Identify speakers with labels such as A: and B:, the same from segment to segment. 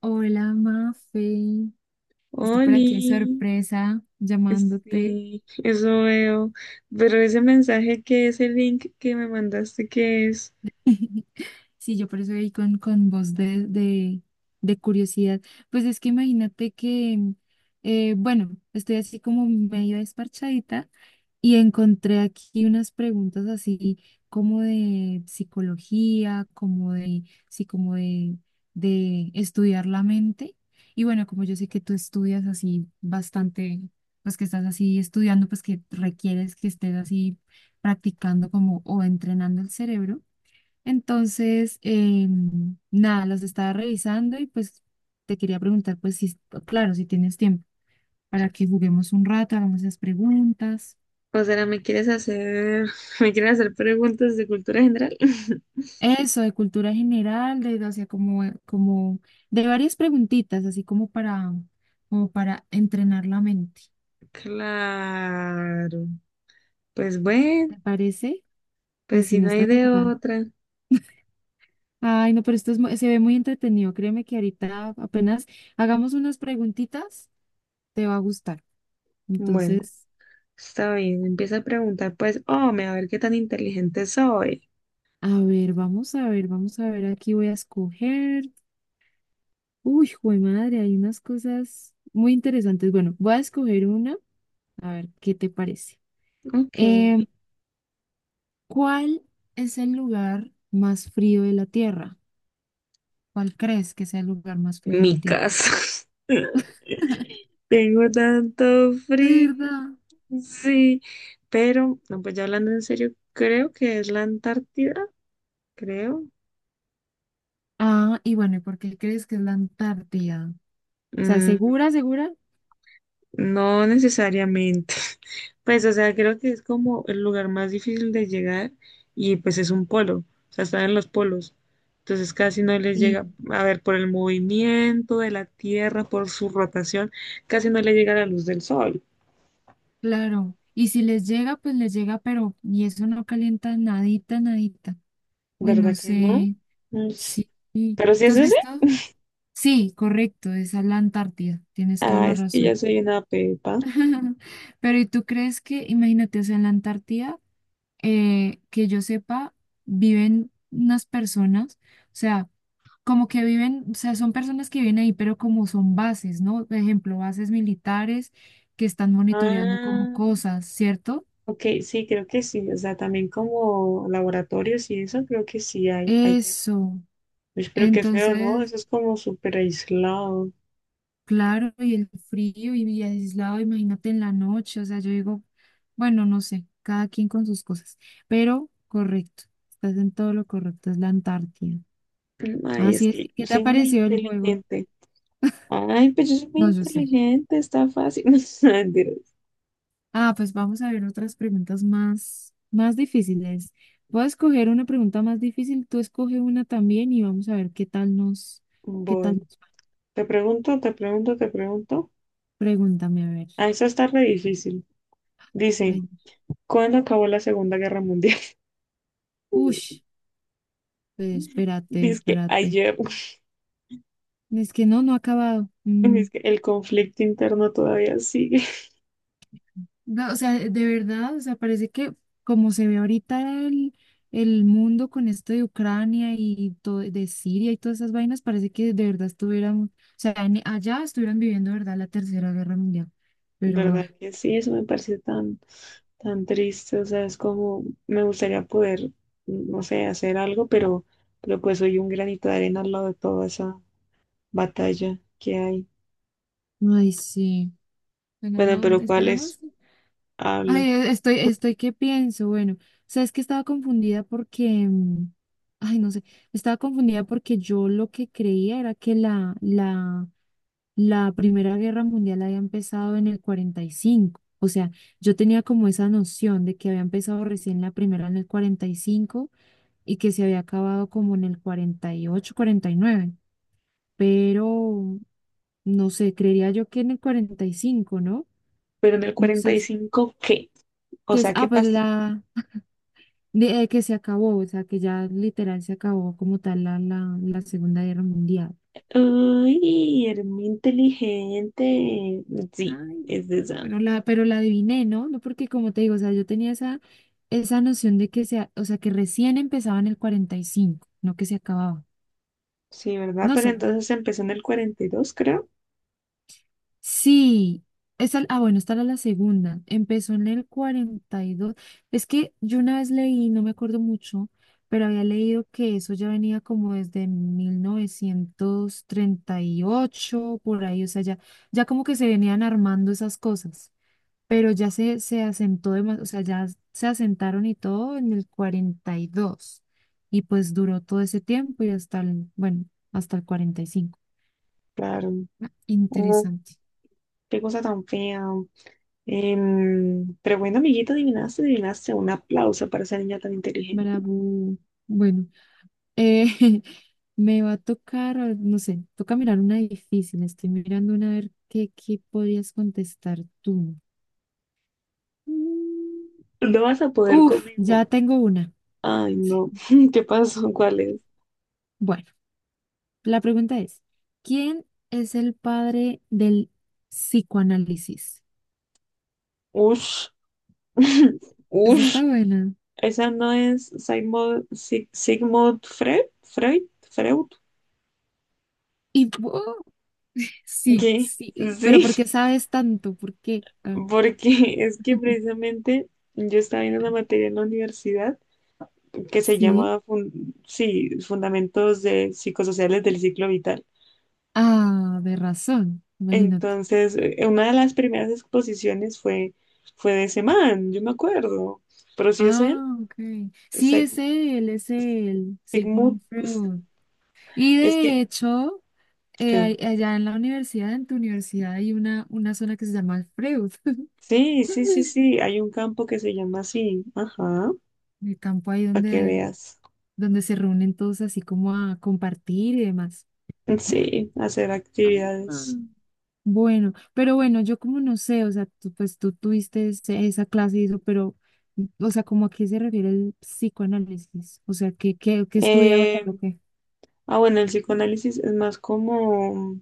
A: Hola, Mafe. Estoy por
B: Oli,
A: aquí de sorpresa llamándote.
B: sí, eso veo. Pero ese mensaje que ese link que me mandaste, ¿qué es?
A: Sí, yo por eso ahí con voz de curiosidad. Pues es que imagínate que, bueno, estoy así como medio desparchadita y encontré aquí unas preguntas así como de psicología, como de, sí, como de estudiar la mente. Y bueno, como yo sé que tú estudias así bastante, pues que estás así estudiando, pues que requieres que estés así practicando como o entrenando el cerebro. Entonces, nada, los estaba revisando y pues te quería preguntar, pues si, claro, si tienes tiempo para que juguemos un rato, hagamos esas preguntas.
B: O sea, ¿me quieres hacer, me quieres hacer preguntas de cultura general?
A: Eso, de cultura general, de, o sea, como, como de varias preguntitas, así como para, como para entrenar la mente.
B: Claro. Pues bueno,
A: ¿Te parece? Pues
B: pues
A: si
B: si
A: no
B: no hay
A: estás
B: de
A: ocupada.
B: otra.
A: Ay, no, pero esto es, se ve muy entretenido. Créeme que ahorita apenas hagamos unas preguntitas, te va a gustar.
B: Bueno,
A: Entonces.
B: está bien. Empieza a preguntar, pues, oh, me a ver qué tan inteligente soy.
A: A ver, vamos a ver, vamos a ver, aquí voy a escoger. Uy, jue madre, hay unas cosas muy interesantes. Bueno, voy a escoger una, a ver qué te parece.
B: Ok.
A: Em, ¿cuál es el lugar más frío de la Tierra? ¿Cuál crees que sea el lugar más frío de
B: Mi
A: la Tierra?
B: casa. Tengo tanto
A: De
B: frío.
A: verdad.
B: Sí, pero, no, pues ya hablando en serio, creo que es la Antártida, creo.
A: Ah, y bueno, ¿y por qué crees que es la Antártida? O sea,
B: Mm,
A: ¿segura, segura?
B: no necesariamente. Pues, o sea, creo que es como el lugar más difícil de llegar y pues es un polo, o sea, están en los polos. Entonces casi no les
A: Sí.
B: llega, a ver, por el movimiento de la Tierra, por su rotación, casi no le llega la luz del sol,
A: Claro. Y si les llega, pues les llega, pero y eso no calienta nadita, nadita. Uy, no
B: ¿verdad que no?
A: sé.
B: Mm,
A: Sí.
B: Pero si
A: ¿Tú
B: es
A: has
B: ese,
A: visto? Sí, correcto, esa es a la Antártida, tienes toda
B: ah,
A: la
B: es que yo
A: razón.
B: soy una pepa.
A: Pero ¿y tú crees que, imagínate, o sea, en la Antártida, que yo sepa, viven unas personas, o sea, como que viven, o sea, son personas que viven ahí, pero como son bases, ¿no? Por ejemplo, bases militares que están monitoreando como
B: Ah.
A: cosas, ¿cierto?
B: Ok, sí, creo que sí. O sea, también como laboratorios y eso, creo que sí hay allá.
A: Eso.
B: Pues, pero qué feo, ¿no?
A: Entonces.
B: Eso es como súper aislado.
A: Claro, y el frío y aislado, imagínate en la noche, o sea, yo digo, bueno, no sé, cada quien con sus cosas, pero correcto, estás en todo lo correcto, es la Antártida.
B: Ay, es
A: Así es,
B: que
A: ¿qué te ha
B: soy muy
A: parecido el juego?
B: inteligente. Ay, pues yo soy muy
A: No, yo sé.
B: inteligente, está fácil. No, mentiras.
A: Ah, pues vamos a ver otras preguntas más, más difíciles. Voy a escoger una pregunta más difícil, tú escoge una también y vamos a ver. Qué tal
B: Voy.
A: nos-
B: Te pregunto, te pregunto, te pregunto.
A: Pregúntame, a ver.
B: Ah, eso está re difícil. Dice,
A: Ay,
B: ¿cuándo acabó la Segunda Guerra Mundial?
A: ush, pues, espérate,
B: Dice que
A: espérate.
B: ayer.
A: Es que no, no ha acabado. Mm,
B: Dice que el conflicto interno todavía sigue.
A: No, o sea, de verdad, o sea, parece que como se ve ahorita el, el mundo con esto de Ucrania y todo, de Siria y todas esas vainas, parece que de verdad estuvieran, o sea, allá estuvieran viviendo, de verdad, la Tercera Guerra Mundial. Pero,
B: ¿Verdad
A: ay,
B: que sí? Eso me parece tan, tan triste. O sea, es como me gustaría poder, no sé, hacer algo, pero pues soy un granito de arena al lado de toda esa batalla que hay.
A: ay, sí. Bueno,
B: Bueno,
A: no,
B: pero
A: esperemos.
B: ¿cuáles habla?
A: Ay, estoy, ¿qué pienso? Bueno, o sea, es que estaba confundida porque, ay, no sé, estaba confundida porque yo lo que creía era que la Primera Guerra Mundial había empezado en el 45. O sea, yo tenía como esa noción de que había empezado recién la primera en el 45 y que se había acabado como en el cuarenta y ocho, 49. Pero, no sé, creería yo que en el 45, ¿no?
B: Pero en el
A: No
B: cuarenta
A: sé,
B: y cinco ¿qué? O
A: que es,
B: sea, ¿qué
A: pues
B: pasó?
A: que se acabó, o sea, que ya literal se acabó como tal la Segunda Guerra Mundial.
B: Uy, eres muy inteligente. Sí,
A: Ay,
B: es de esa.
A: bueno, pero la adiviné, ¿no? No, porque como te digo, o sea, yo tenía esa noción de que se, o sea, que recién empezaba en el 45, no que se acababa.
B: Sí, ¿verdad?
A: No
B: Pero
A: sé.
B: entonces empezó en el 42 creo.
A: Sí. Esa, bueno, esta era la segunda. Empezó en el 42. Es que yo una vez leí, no me acuerdo mucho, pero había leído que eso ya venía como desde 1938 por ahí, o sea, ya como que se venían armando esas cosas. Pero ya se asentó, o sea, ya se asentaron y todo en el 42 y pues duró todo ese tiempo y bueno, hasta el 45.
B: Claro.
A: Ah,
B: Oh,
A: interesante.
B: qué cosa tan fea. Pero bueno, amiguito, adivinaste, adivinaste. Un aplauso para esa niña tan inteligente.
A: Bravo. Bueno, eh, me va a tocar, no sé, toca mirar una difícil. Estoy mirando una a ver qué podrías contestar tú. Mm,
B: No vas a poder
A: Uf,
B: conmigo.
A: ya tengo una.
B: Ay,
A: Sí,
B: no. ¿Qué pasó? ¿Cuál es?
A: bueno. La pregunta es, ¿quién es el padre del psicoanálisis?
B: Ush.
A: Esa
B: Ush.
A: está buena.
B: ¿Esa no es Sigmund Freud? ¿Freud? ¿Freud?
A: Y ¡oh! sí,
B: ¿Qué?
A: sí, pero
B: Sí,
A: ¿por qué sabes tanto? ¿Por qué? Ah,
B: porque es que precisamente yo estaba viendo una materia en la universidad que se
A: sí.
B: llama, sí, Fundamentos de Psicosociales del Ciclo Vital.
A: Ah, de razón, imagínate.
B: Entonces, una de las primeras exposiciones fue de ese man, yo me acuerdo. Pero sí es él,
A: Ah, ok. Sí,
B: Sig-
A: es él,
B: Sigmund,
A: Sigmund
B: es
A: Freud. Y
B: es que,
A: de hecho,
B: que-
A: allá en la universidad, en tu universidad, hay una zona que se llama Freud.
B: sí, sí, sí, sí, hay un campo que se llama así, ajá,
A: El campo ahí
B: para que
A: donde,
B: veas.
A: donde se reúnen todos así como a compartir y demás.
B: Sí, hacer
A: Ah, ah.
B: actividades.
A: Bueno, pero bueno, yo como no sé, o sea, tú, pues tú tuviste esa clase y eso, pero, o sea, ¿como a qué se refiere el psicoanálisis? O sea, ¿qué estudiaba él
B: Eh,
A: o qué?
B: bueno, el psicoanálisis es más como,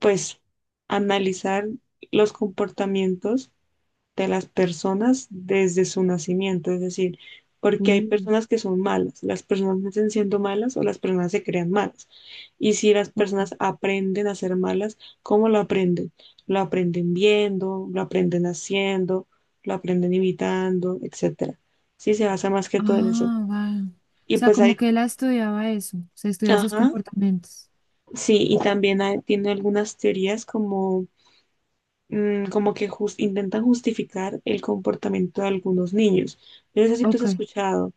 B: pues, analizar los comportamientos de las personas desde su nacimiento, es decir, porque hay
A: Uh,
B: personas que son malas, las personas nacen siendo malas o las personas se crean malas. Y si las personas
A: ok.
B: aprenden a ser malas, ¿cómo lo aprenden? Lo aprenden viendo, lo aprenden haciendo, lo aprenden imitando, etcétera. Sí, se basa más que todo en eso.
A: Ah, vale. O
B: Y
A: sea,
B: pues
A: como
B: hay,
A: que él estudiaba eso, o sea, estudiaba esos
B: ajá,
A: comportamientos.
B: sí, y también tiene algunas teorías como como que intentan justificar el comportamiento de algunos niños. Yo no sé si tú has
A: Ok,
B: escuchado,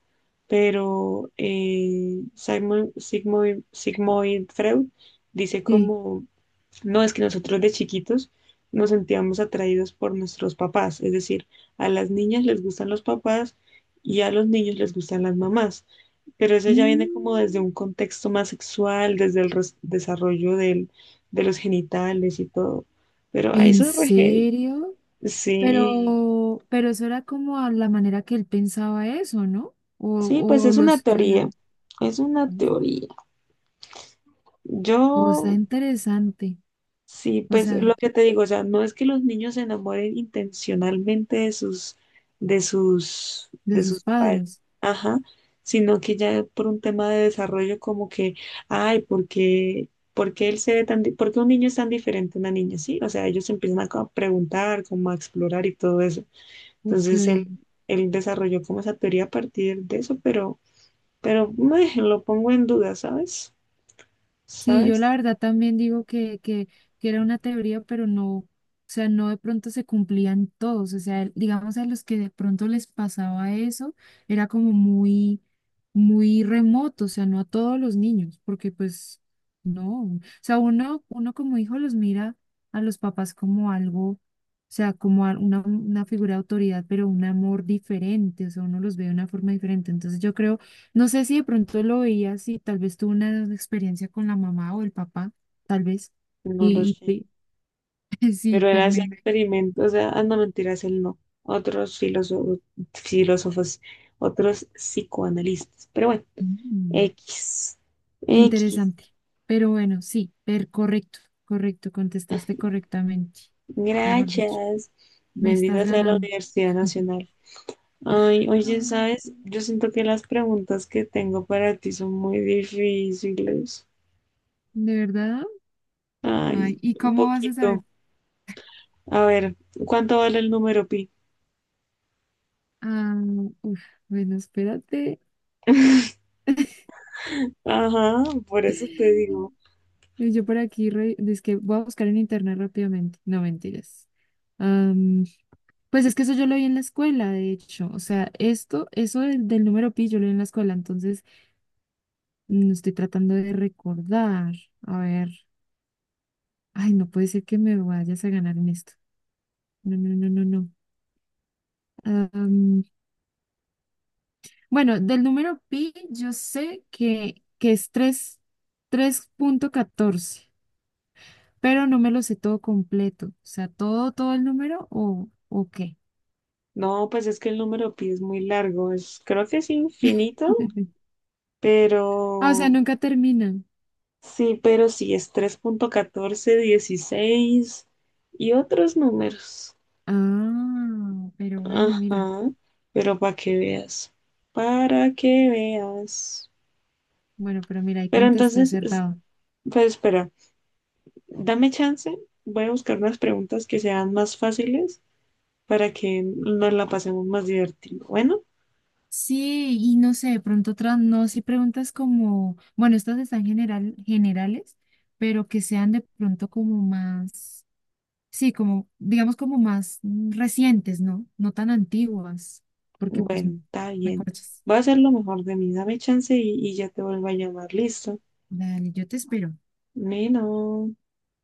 B: pero Sigmund Freud dice
A: sí.
B: como, no, es que nosotros de chiquitos nos sentíamos atraídos por nuestros papás, es decir, a las niñas les gustan los papás y a los niños les gustan las mamás. Pero eso ya viene como desde
A: Mm,
B: un contexto más sexual, desde el desarrollo del, de los genitales y todo. Pero ay,
A: ¿en
B: eso es re heavy.
A: serio?
B: Sí,
A: Pero, eso era como a la manera que él pensaba eso, ¿no? O,
B: sí, pues
A: o
B: es
A: lo
B: una teoría,
A: estudió.
B: es una
A: Uf,
B: teoría.
A: cosa
B: Yo,
A: interesante.
B: sí,
A: O
B: pues
A: sea,
B: lo que te digo, o sea, no es que los niños se enamoren intencionalmente
A: de
B: de
A: sus
B: sus padres,
A: padres.
B: ajá, sino que ya por un tema de desarrollo como que, ay, por qué él se ve tan, por qué un niño es tan diferente a una niña? Sí, o sea, ellos empiezan a a preguntar, como a explorar y todo eso.
A: Ok.
B: Entonces él desarrolló como esa teoría a partir de eso, pero meh, lo pongo en duda, ¿sabes?
A: Sí, yo
B: ¿Sabes?
A: la verdad también digo que, que era una teoría, pero no, o sea, no de pronto se cumplían todos, o sea, digamos a los que de pronto les pasaba eso, era como muy, muy remoto, o sea, no a todos los niños, porque pues no, o sea, uno como hijo los mira a los papás como algo, o sea, como una figura de autoridad, pero un amor diferente, o sea, uno los ve de una forma diferente, entonces yo creo no sé si de pronto lo veías y tal vez tuvo una experiencia con la mamá o el papá, tal vez.
B: No lo
A: Y, y
B: sé.
A: pe- sí,
B: Pero él hacía experimentos, o sea, ah, no mentiras, él no. Otros filósofos, filósofos, otros psicoanalistas. Pero bueno,
A: mm,
B: X. X.
A: interesante. Pero bueno, sí, correcto, correcto, contestaste correctamente. Mejor dicho,
B: Gracias.
A: me estás
B: Bendita sea la
A: ganando.
B: Universidad Nacional. Ay, oye,
A: Ah,
B: ¿sabes? Yo siento que las preguntas que tengo para ti son muy difíciles.
A: ¿de verdad?
B: Ay,
A: Ay, ¿y
B: un
A: cómo vas a
B: poquito.
A: saber?
B: A ver, ¿cuánto vale el número pi?
A: Ah, uf, bueno, espérate.
B: Ajá, por eso te digo.
A: Yo por aquí, es que voy a buscar en internet rápidamente. No, mentiras. Pues es que eso yo lo vi en la escuela, de hecho. O sea, eso del número pi, yo lo vi en la escuela. Entonces, estoy tratando de recordar. A ver. Ay, no puede ser que me vayas a ganar en esto. No, no, no, no, no. Am, bueno, del número pi, yo sé que, es 3,14, pero no me lo sé todo completo. O sea, todo el número o qué.
B: No, pues es que el número pi es muy largo, es, creo que es infinito,
A: Ah, o sea,
B: pero
A: nunca terminan.
B: sí, pero sí, es 3,1416 y otros números.
A: Ah, pero bueno, mira.
B: Ajá, pero para que veas, para que veas.
A: Bueno, pero mira, ahí
B: Pero
A: contesté
B: entonces,
A: acertado.
B: pues espera, dame chance, voy a buscar unas preguntas que sean más fáciles para que nos la pasemos más divertido. Bueno,
A: Sí, y no sé, de pronto otras, no, si preguntas como, bueno, estas están generales, pero que sean de pronto como más, sí, como, digamos como más recientes, ¿no? No tan antiguas, porque pues
B: bueno, está
A: me
B: bien.
A: corchas.
B: Voy a hacer lo mejor de mí. Dame chance y ya te vuelvo a llamar. Listo.
A: Dale, yo te espero.
B: Nino.